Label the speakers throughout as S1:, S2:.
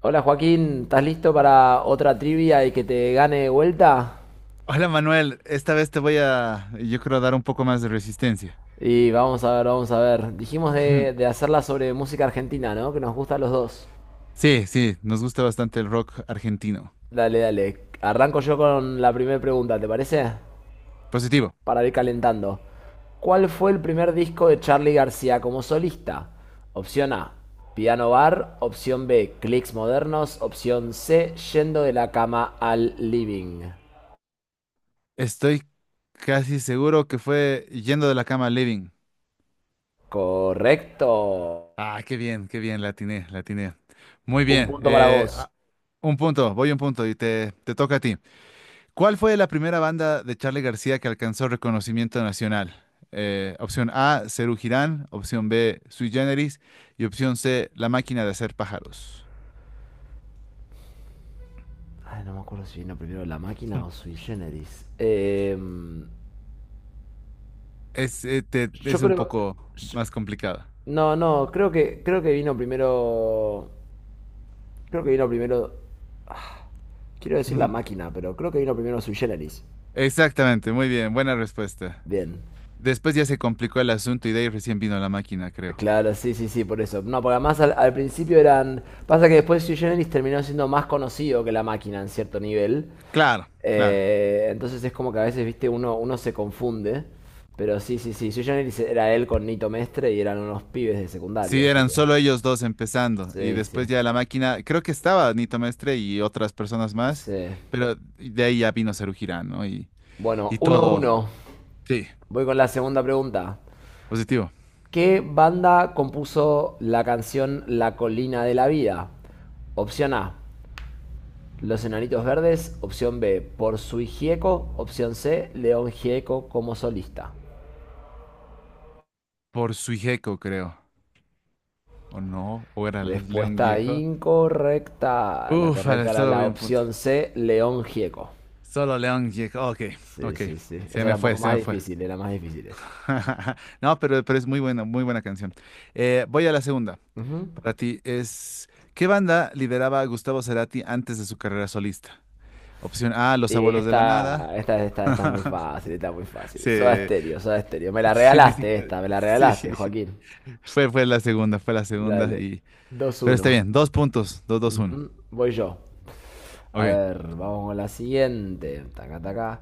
S1: Hola Joaquín, ¿estás listo para otra trivia y que te gane de vuelta?
S2: Hola Manuel, esta vez te voy a, yo creo, dar un poco más de resistencia.
S1: Y vamos a ver, vamos a ver. Dijimos de hacerla sobre música argentina, ¿no? Que nos gusta a los dos.
S2: Sí, sí, nos gusta bastante el rock argentino.
S1: Dale, dale. Arranco yo con la primera pregunta, ¿te parece?
S2: Positivo.
S1: Para ir calentando. ¿Cuál fue el primer disco de Charly García como solista? Opción A, Piano Bar. Opción B, Clicks Modernos. Opción C, Yendo de la cama al living.
S2: Estoy casi seguro que fue Yendo de la cama a Living.
S1: Correcto.
S2: Ah, qué bien, la atiné, la atiné. Muy
S1: Un
S2: bien,
S1: punto para vos.
S2: un punto, voy un punto y te toca a ti. ¿Cuál fue la primera banda de Charly García que alcanzó reconocimiento nacional? Opción A, Serú Girán, opción B, Sui Generis y opción C, La máquina de hacer pájaros.
S1: Ay, no me acuerdo si vino primero la máquina o Sui Generis.
S2: Es, eh, te-
S1: Yo
S2: es un
S1: creo.
S2: poco más complicado.
S1: No, no, creo que vino primero. Creo que vino primero. Quiero decir la máquina, pero creo que vino primero Sui Generis.
S2: Exactamente, muy bien, buena respuesta.
S1: Bien.
S2: Después ya se complicó el asunto y de ahí recién vino la máquina, creo.
S1: Claro, sí, sí, sí, por eso. No, porque además al principio eran. Pasa que después Sui Generis terminó siendo más conocido que la máquina en cierto nivel.
S2: Claro, claro.
S1: Entonces es como que a veces, viste, uno se confunde. Pero sí, sí, sí. Sui Generis era él con Nito Mestre y eran unos pibes de secundario,
S2: Sí,
S1: así
S2: eran
S1: que.
S2: solo ellos dos empezando y
S1: Sí, sí,
S2: después ya la máquina, creo que estaba Nito Mestre y otras personas más,
S1: sí.
S2: pero de ahí ya vino Cerujirán, ¿no? Y,
S1: Bueno,
S2: y
S1: 1
S2: todo.
S1: uno.
S2: Sí,
S1: Voy con la segunda pregunta.
S2: positivo.
S1: ¿Qué banda compuso la canción La Colina de la Vida? Opción A, Los Enanitos Verdes. Opción B, Por Sui Gieco. Opción C, León Gieco como solista.
S2: Por Suijeco, creo. ¿O no? ¿O era los León
S1: Respuesta
S2: Gieco?
S1: incorrecta. La
S2: Uf, al
S1: correcta era
S2: estado
S1: la
S2: voy un punto.
S1: opción C, León Gieco.
S2: Solo León Jack. Ok,
S1: Sí,
S2: ok.
S1: sí, sí.
S2: Se
S1: Esa era
S2: me
S1: un
S2: fue,
S1: poco
S2: se
S1: más
S2: me fue.
S1: difícil, era más difícil esa.
S2: No, pero es muy buena canción. Voy a la segunda.
S1: Ujú.
S2: Para ti es, ¿qué banda lideraba Gustavo Cerati antes de su carrera solista? Opción A, Los
S1: Sí,
S2: Abuelos de la Nada.
S1: esta es muy fácil, está muy fácil.
S2: Sí,
S1: Soda Stereo, Soda Stereo. Me la
S2: sí, ni
S1: regalaste
S2: siquiera.
S1: esta, me la regalaste,
S2: Sí.
S1: Joaquín.
S2: Fue la segunda, fue la segunda.
S1: Dale.
S2: Y, pero está
S1: 2-1.
S2: bien, dos puntos, dos, dos, uno.
S1: Ujú, voy yo. A
S2: Ok,
S1: ver, vamos con la siguiente. Taca, taca.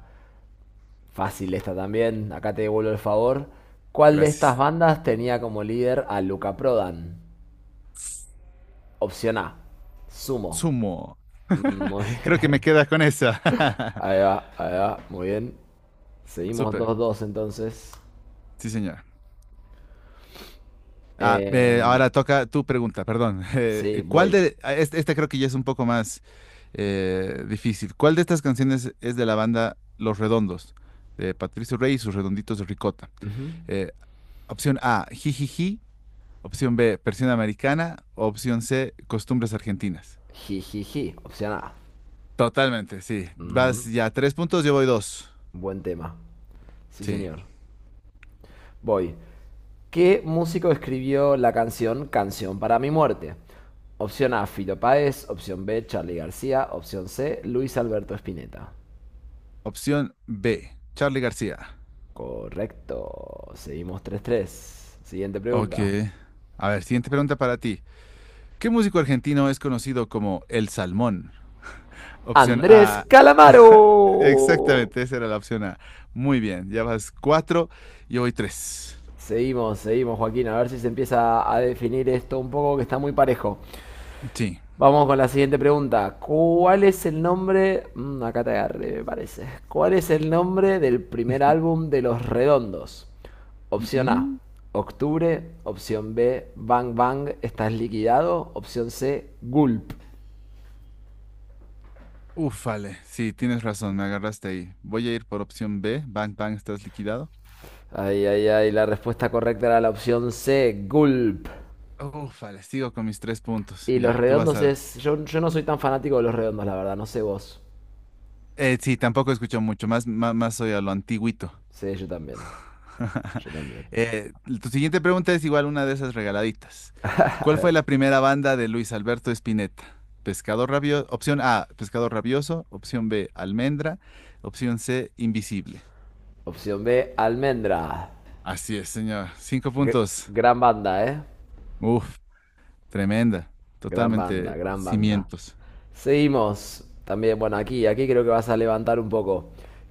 S1: Fácil esta también. Acá te devuelvo el favor. ¿Cuál de estas
S2: gracias.
S1: bandas tenía como líder a Luca Prodan? Opción A. Sumo.
S2: Sumo.
S1: Mm, muy
S2: Creo que me
S1: bien.
S2: queda con esa.
S1: Ahí va, ahí va. Muy bien. Seguimos
S2: Súper,
S1: 2-2 entonces.
S2: sí, señor.
S1: Em,
S2: Ahora toca tu pregunta, perdón.
S1: sí,
S2: ¿Cuál
S1: voy.
S2: de, ah, este creo que ya es un poco más difícil. ¿Cuál de estas canciones es de la banda Los Redondos, de Patricio Rey y sus Redonditos de Ricota?
S1: Ujú.
S2: Eh, Opción A, Jijiji. Opción B, Persiana Americana. Opción C, Costumbres Argentinas.
S1: Jijiji, opción A.
S2: Totalmente, sí. Vas
S1: Ujú.
S2: ya 3 puntos, yo voy dos.
S1: Buen tema. Sí,
S2: Sí.
S1: señor. Voy. ¿Qué músico escribió la canción Canción para mi muerte? Opción A, Fito Páez. Opción B, Charly García. Opción C, Luis Alberto Spinetta.
S2: Opción B, Charly García.
S1: Correcto. Seguimos tres tres. Siguiente
S2: Ok.
S1: pregunta.
S2: A ver, siguiente pregunta para ti. ¿Qué músico argentino es conocido como El Salmón? Opción
S1: Andrés
S2: A.
S1: Calamaro.
S2: Exactamente, esa era la opción A. Muy bien, ya vas cuatro y hoy tres.
S1: Seguimos, seguimos, Joaquín. A ver si se empieza a definir esto un poco, que está muy parejo.
S2: Sí.
S1: Vamos con la siguiente pregunta. ¿Cuál es el nombre? Mm, acá te agarré, me parece. ¿Cuál es el nombre del primer álbum de Los Redondos?
S2: Mm,
S1: Opción A,
S2: mm.
S1: Octubre. Opción B, Bang Bang, estás liquidado. Opción C, Gulp.
S2: Ufale, sí, tienes razón, me agarraste ahí. Voy a ir por opción B. Bang, bang, estás liquidado.
S1: Ay, ay, ay, la respuesta correcta era la opción C, Gulp.
S2: Ufale, sigo con mis tres puntos.
S1: Y Los
S2: Ya, tú vas
S1: Redondos
S2: a...
S1: es... Yo no soy tan fanático de Los Redondos, la verdad, no sé vos.
S2: Sí, tampoco escucho mucho, más soy a lo antiguito.
S1: Sí, yo también. Yo también.
S2: Eh, Tu siguiente pregunta es igual una de esas regaladitas.
S1: A
S2: ¿Cuál
S1: ver.
S2: fue la primera banda de Luis Alberto Spinetta? Opción A, Pescador rabioso, opción B, Almendra, opción C, Invisible.
S1: Opción B, Almendra.
S2: Así es, señor. Cinco puntos.
S1: Gran banda, ¿eh?
S2: Uf, tremenda.
S1: Gran banda,
S2: Totalmente
S1: gran banda.
S2: cimientos.
S1: Seguimos. También, bueno, aquí, aquí creo que vas a levantar un poco.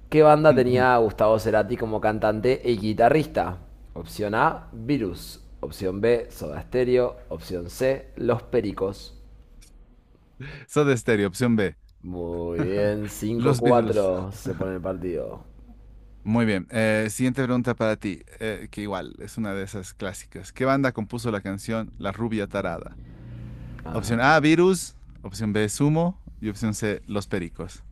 S1: ¿Qué banda tenía Gustavo Cerati como cantante y guitarrista? Opción A, Virus. Opción B, Soda Stereo. Opción C, Los Pericos.
S2: Soda Stereo, opción B.
S1: Muy bien, cinco
S2: Los Beatles.
S1: cuatro se pone el partido.
S2: Muy bien. Siguiente pregunta para ti, que igual es una de esas clásicas. ¿Qué banda compuso la canción La Rubia Tarada? Opción
S1: Ah,
S2: A, virus. Opción B, sumo. Y opción C, los pericos.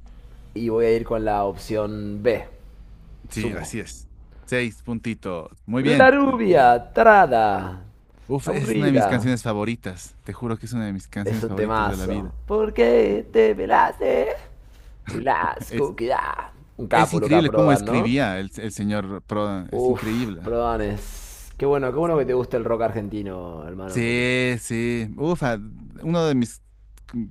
S1: y voy a ir con la opción B,
S2: Sí,
S1: sumo.
S2: así es. Seis puntitos. Muy
S1: La
S2: bien.
S1: rubia,
S2: Felicidades.
S1: tarada,
S2: Uf, es una de
S1: aburrida.
S2: mis canciones favoritas. Te juro que es una de mis
S1: Es
S2: canciones
S1: un
S2: favoritas de la
S1: temazo.
S2: vida.
S1: ¿Por
S2: Y
S1: qué te pelaste?
S2: Es,
S1: Blasco, queda. Un
S2: es
S1: capo, loca,
S2: increíble cómo
S1: Prodan, ¿no?
S2: escribía el señor Prodan. Es
S1: Uf,
S2: increíble.
S1: Prodan. Qué bueno que te guste el rock argentino, hermano, porque
S2: Sí, sí. Uf, uno de mis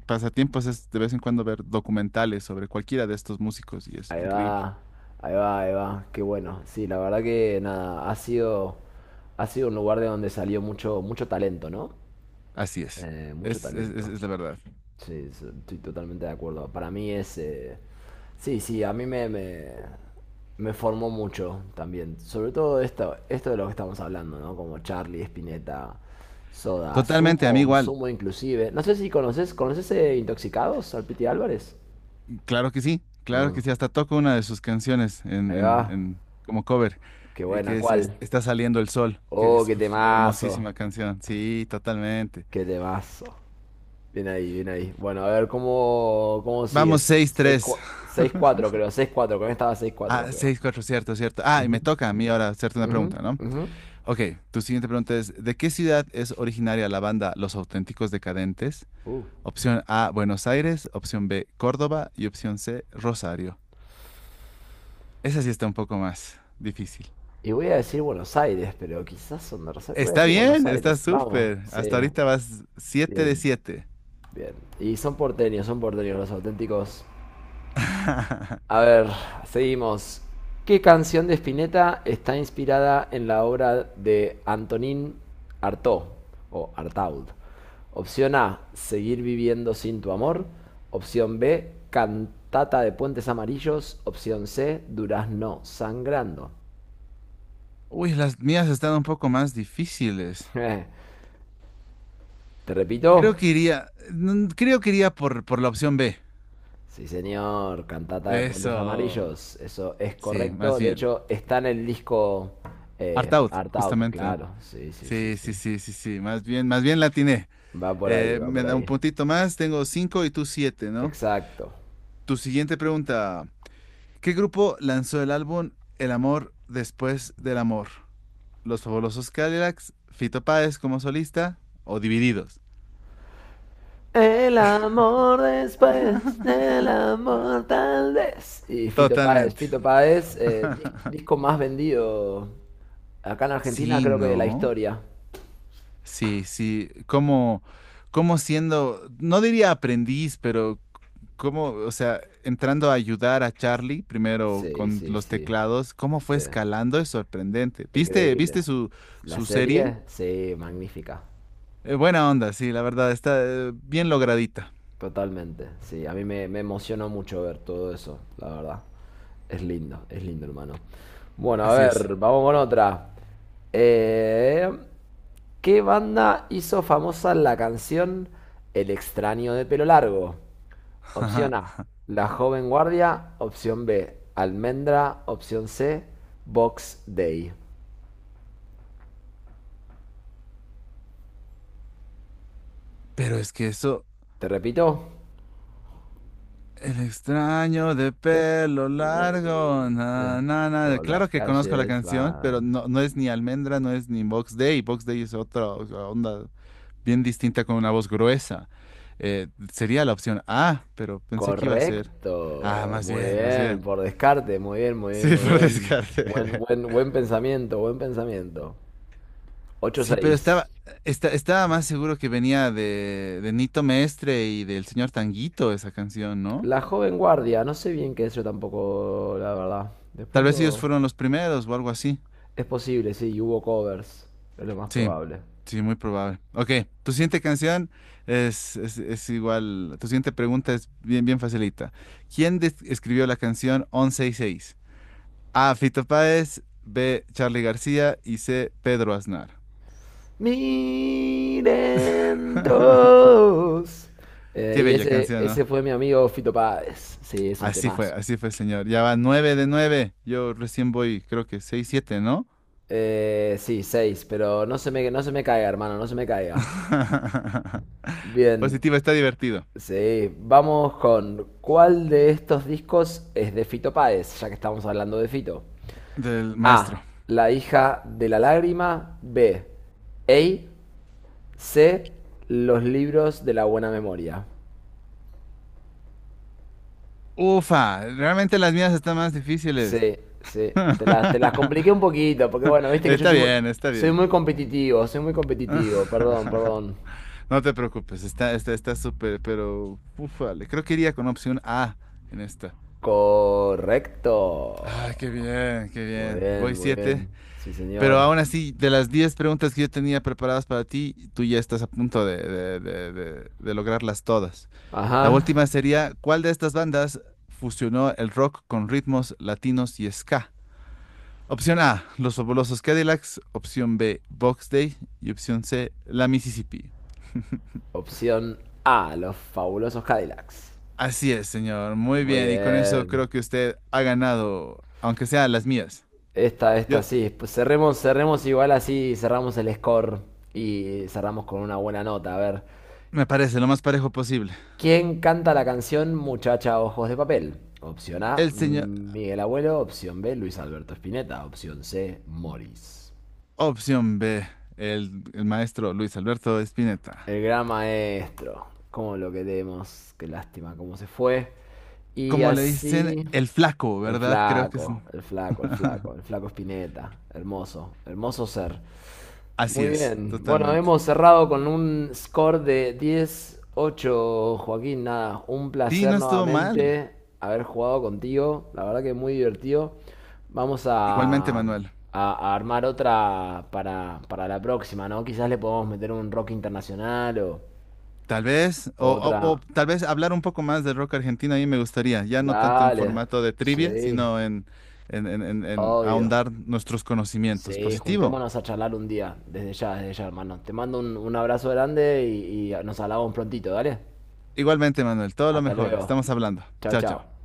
S2: pasatiempos es de vez en cuando ver documentales sobre cualquiera de estos músicos y es
S1: ahí
S2: increíble.
S1: va, ahí va, ahí va. Qué bueno. Sí, la verdad que nada, ha sido un lugar de donde salió mucho, mucho talento, ¿no?
S2: Así es.
S1: Mucho
S2: Es, es, es-
S1: talento.
S2: es la verdad.
S1: Sí, sí, estoy totalmente de acuerdo. Para mí es... Sí, sí, a mí me formó mucho también. Sobre todo esto, esto de lo que estamos hablando, ¿no? Como Charlie, Spinetta, Soda,
S2: Totalmente, a mí
S1: Sumo,
S2: igual.
S1: Sumo inclusive. No sé si conoces, ¿conoces Intoxicados al Piti Álvarez?
S2: Claro que
S1: Mm,
S2: sí, hasta toco una de sus canciones en,
S1: ahí
S2: en,
S1: va.
S2: en- como cover,
S1: Qué buena, ¿cuál?
S2: Está saliendo el sol, que
S1: Oh,
S2: es
S1: qué
S2: uf,
S1: temazo.
S2: hermosísima canción, sí, totalmente.
S1: Qué temazo. Bien ahí, bien ahí. Bueno, a ver cómo, cómo
S2: Vamos,
S1: sigues.
S2: 6-3
S1: Seis cuatro creo. Seis cuatro. Con esta va seis cuatro creo.
S2: 6-4, cierto, cierto. Ah, y
S1: Ujú,
S2: me toca a mí ahora hacerte una
S1: ujú,
S2: pregunta, ¿no?
S1: ujú.
S2: Ok, tu siguiente pregunta es, ¿de qué ciudad es originaria la banda Los Auténticos Decadentes?
S1: Uh,
S2: Opción A, Buenos Aires, opción B, Córdoba y opción C, Rosario. Esa sí está un poco más difícil.
S1: Y voy a decir Buenos Aires, pero quizás son de Rosario. Voy a
S2: Está
S1: decir Buenos
S2: bien, está
S1: Aires. Vamos,
S2: súper.
S1: sí.
S2: Hasta ahorita vas siete de
S1: Bien,
S2: siete.
S1: bien. Y son porteños los auténticos. A ver, seguimos. ¿Qué canción de Spinetta está inspirada en la obra de Antonín Artaud o Artaud? Opción A, Seguir viviendo sin tu amor. Opción B, Cantata de Puentes Amarillos. Opción C, Durazno sangrando.
S2: Uy, las mías están un poco más difíciles.
S1: Te repito,
S2: Creo que iría, creo que iría por la opción B.
S1: sí señor, Cantata de Puentes
S2: Eso.
S1: Amarillos, eso es
S2: Sí, más
S1: correcto. De
S2: bien.
S1: hecho, está en el disco
S2: Art out,
S1: Art Out,
S2: justamente, ¿no?
S1: claro. Sí, sí, sí,
S2: Sí,
S1: sí.
S2: sí, sí, sí, sí. Más bien la atiné.
S1: Va por ahí, va
S2: Me
S1: por
S2: da un
S1: ahí.
S2: puntito más, tengo 5 y tú 7, ¿no?
S1: Exacto.
S2: Tu siguiente pregunta. ¿Qué grupo lanzó el álbum El amor después del amor? Los Fabulosos Cadillacs, Fito Páez como solista o Divididos.
S1: El amor después, el amor tal vez. Y Fito Páez,
S2: Totalmente.
S1: Fito Páez, disco más vendido acá en Argentina,
S2: Sí,
S1: creo que de la
S2: ¿no?
S1: historia.
S2: Sí, sí. Como siendo, no diría aprendiz, pero como, o sea, entrando a ayudar a Charlie primero
S1: Sí,
S2: con
S1: sí,
S2: los
S1: sí.
S2: teclados, cómo fue
S1: Sí.
S2: escalando es sorprendente. ¿Viste,
S1: Increíble.
S2: viste su,
S1: La
S2: su serie?
S1: serie, sí, magnífica.
S2: Buena onda, sí, la verdad, está bien logradita.
S1: Totalmente. Sí, a mí me emocionó mucho ver todo eso, la verdad. Es lindo, hermano. Bueno, a
S2: Así es.
S1: ver, vamos con otra. Eh, ¿Qué banda hizo famosa la canción El extraño de pelo largo?
S2: Ajá.
S1: Opción A, La joven guardia. Opción B, Almendra. Opción C, Box Day.
S2: Pero es que eso,
S1: ¿Te repito?
S2: El extraño de
S1: Pero,
S2: pelo largo.
S1: eh,
S2: Na, na, na.
S1: por
S2: Claro
S1: las
S2: que conozco la
S1: calles
S2: canción,
S1: va.
S2: pero no, no es ni Almendra, no es ni Box Day. Box Day es otra o sea, onda bien distinta con una voz gruesa. Eh, Sería la opción A, pero pensé que iba a ser. Ah,
S1: Correcto.
S2: más
S1: Muy
S2: bien, más
S1: bien.
S2: bien.
S1: Por descarte. Muy bien, muy bien,
S2: Sí,
S1: muy
S2: por
S1: bien. Buen,
S2: descarte.
S1: buen, buen pensamiento, buen pensamiento. Ocho
S2: Sí, pero
S1: seis.
S2: estaba más seguro que venía de Nito Mestre y del señor Tanguito esa canción, ¿no?
S1: La joven guardia. No sé bien qué es yo tampoco, la verdad.
S2: Tal
S1: Después
S2: vez ellos
S1: lo...
S2: fueron los primeros o algo así.
S1: Es posible, sí. Hubo covers. Es lo más
S2: Sí,
S1: probable.
S2: sí, muy probable. Ok, tu siguiente canción es igual, tu siguiente pregunta es bien, bien facilita. ¿Quién escribió la canción Once sesenta y seis? A. Fito Páez, B. Charly García y C. Pedro Aznar.
S1: Miren todos.
S2: Qué
S1: Y
S2: bella
S1: ese,
S2: canción, ¿no?
S1: ese fue mi amigo Fito Páez. Sí, es un temazo.
S2: Así fue, señor. Ya va 9 de 9. Yo recién voy, creo que seis, siete, ¿no?
S1: Sí, seis, pero no se me, no se me caiga, hermano, no se me caiga. Bien,
S2: Positivo, está divertido.
S1: sí, vamos con ¿cuál de estos discos es de Fito Páez, ya que estamos hablando de Fito?
S2: Del
S1: A,
S2: maestro.
S1: La hija de la lágrima, B, Ey, C, Los libros de la buena memoria.
S2: Ufa, realmente las mías están más difíciles.
S1: Sí, sí, te las compliqué un poquito, porque bueno, viste que yo
S2: Está
S1: soy,
S2: bien, está bien.
S1: soy muy competitivo, perdón, perdón.
S2: No te preocupes, está súper, pero ufale, creo que iría con opción A en esta.
S1: Correcto.
S2: Ay, qué bien, qué
S1: Muy
S2: bien. Voy
S1: bien, muy bien.
S2: siete,
S1: Sí,
S2: pero
S1: señor.
S2: aún así, de las 10 preguntas que yo tenía preparadas para ti, tú ya estás a punto de lograrlas todas. La
S1: Ajá.
S2: última sería, ¿cuál de estas bandas fusionó el rock con ritmos latinos y ska? Opción A, Los Fabulosos Cadillacs. Opción B, Box Day. Y opción C, La Mississippi.
S1: Opción A, los fabulosos Cadillacs.
S2: Así es, señor. Muy
S1: Muy
S2: bien. Y con eso
S1: bien.
S2: creo que usted ha ganado, aunque sea las mías.
S1: Esta
S2: Yo,
S1: sí. Pues cerremos, cerremos igual así, cerramos el score y cerramos con una buena nota. A ver,
S2: me parece lo más parejo posible.
S1: ¿quién canta la canción Muchacha Ojos de Papel? Opción A,
S2: El señor,
S1: Miguel Abuelo. Opción B, Luis Alberto Spinetta. Opción C, Morris.
S2: opción B, el maestro Luis Alberto Spinetta.
S1: El gran maestro. Cómo lo queremos. Qué lástima cómo se fue. Y
S2: Como le dicen,
S1: así.
S2: el flaco,
S1: El
S2: ¿verdad? Creo que es.
S1: flaco, el flaco, el flaco, el flaco Spinetta. Hermoso, hermoso ser.
S2: Así
S1: Muy
S2: es,
S1: bien. Bueno,
S2: totalmente.
S1: hemos cerrado con un score de diez ocho, Joaquín. Nada, un
S2: Sí,
S1: placer
S2: no estuvo mal.
S1: nuevamente haber jugado contigo. La verdad que muy divertido. Vamos
S2: Igualmente, Manuel.
S1: a armar otra para la próxima, ¿no? Quizás le podemos meter un rock internacional
S2: Tal vez,
S1: o
S2: o
S1: otra.
S2: tal vez hablar un poco más del rock argentino a mí me gustaría, ya no tanto en
S1: Dale.
S2: formato de trivia,
S1: Sí,
S2: sino en
S1: obvio.
S2: ahondar nuestros conocimientos.
S1: Sí,
S2: Positivo.
S1: juntémonos a charlar un día. Desde ya, hermano. Te mando un abrazo grande y nos hablamos prontito, ¿dale?
S2: Igualmente, Manuel, todo lo
S1: Hasta
S2: mejor.
S1: luego.
S2: Estamos hablando.
S1: Chao,
S2: Chao, chao.
S1: chao.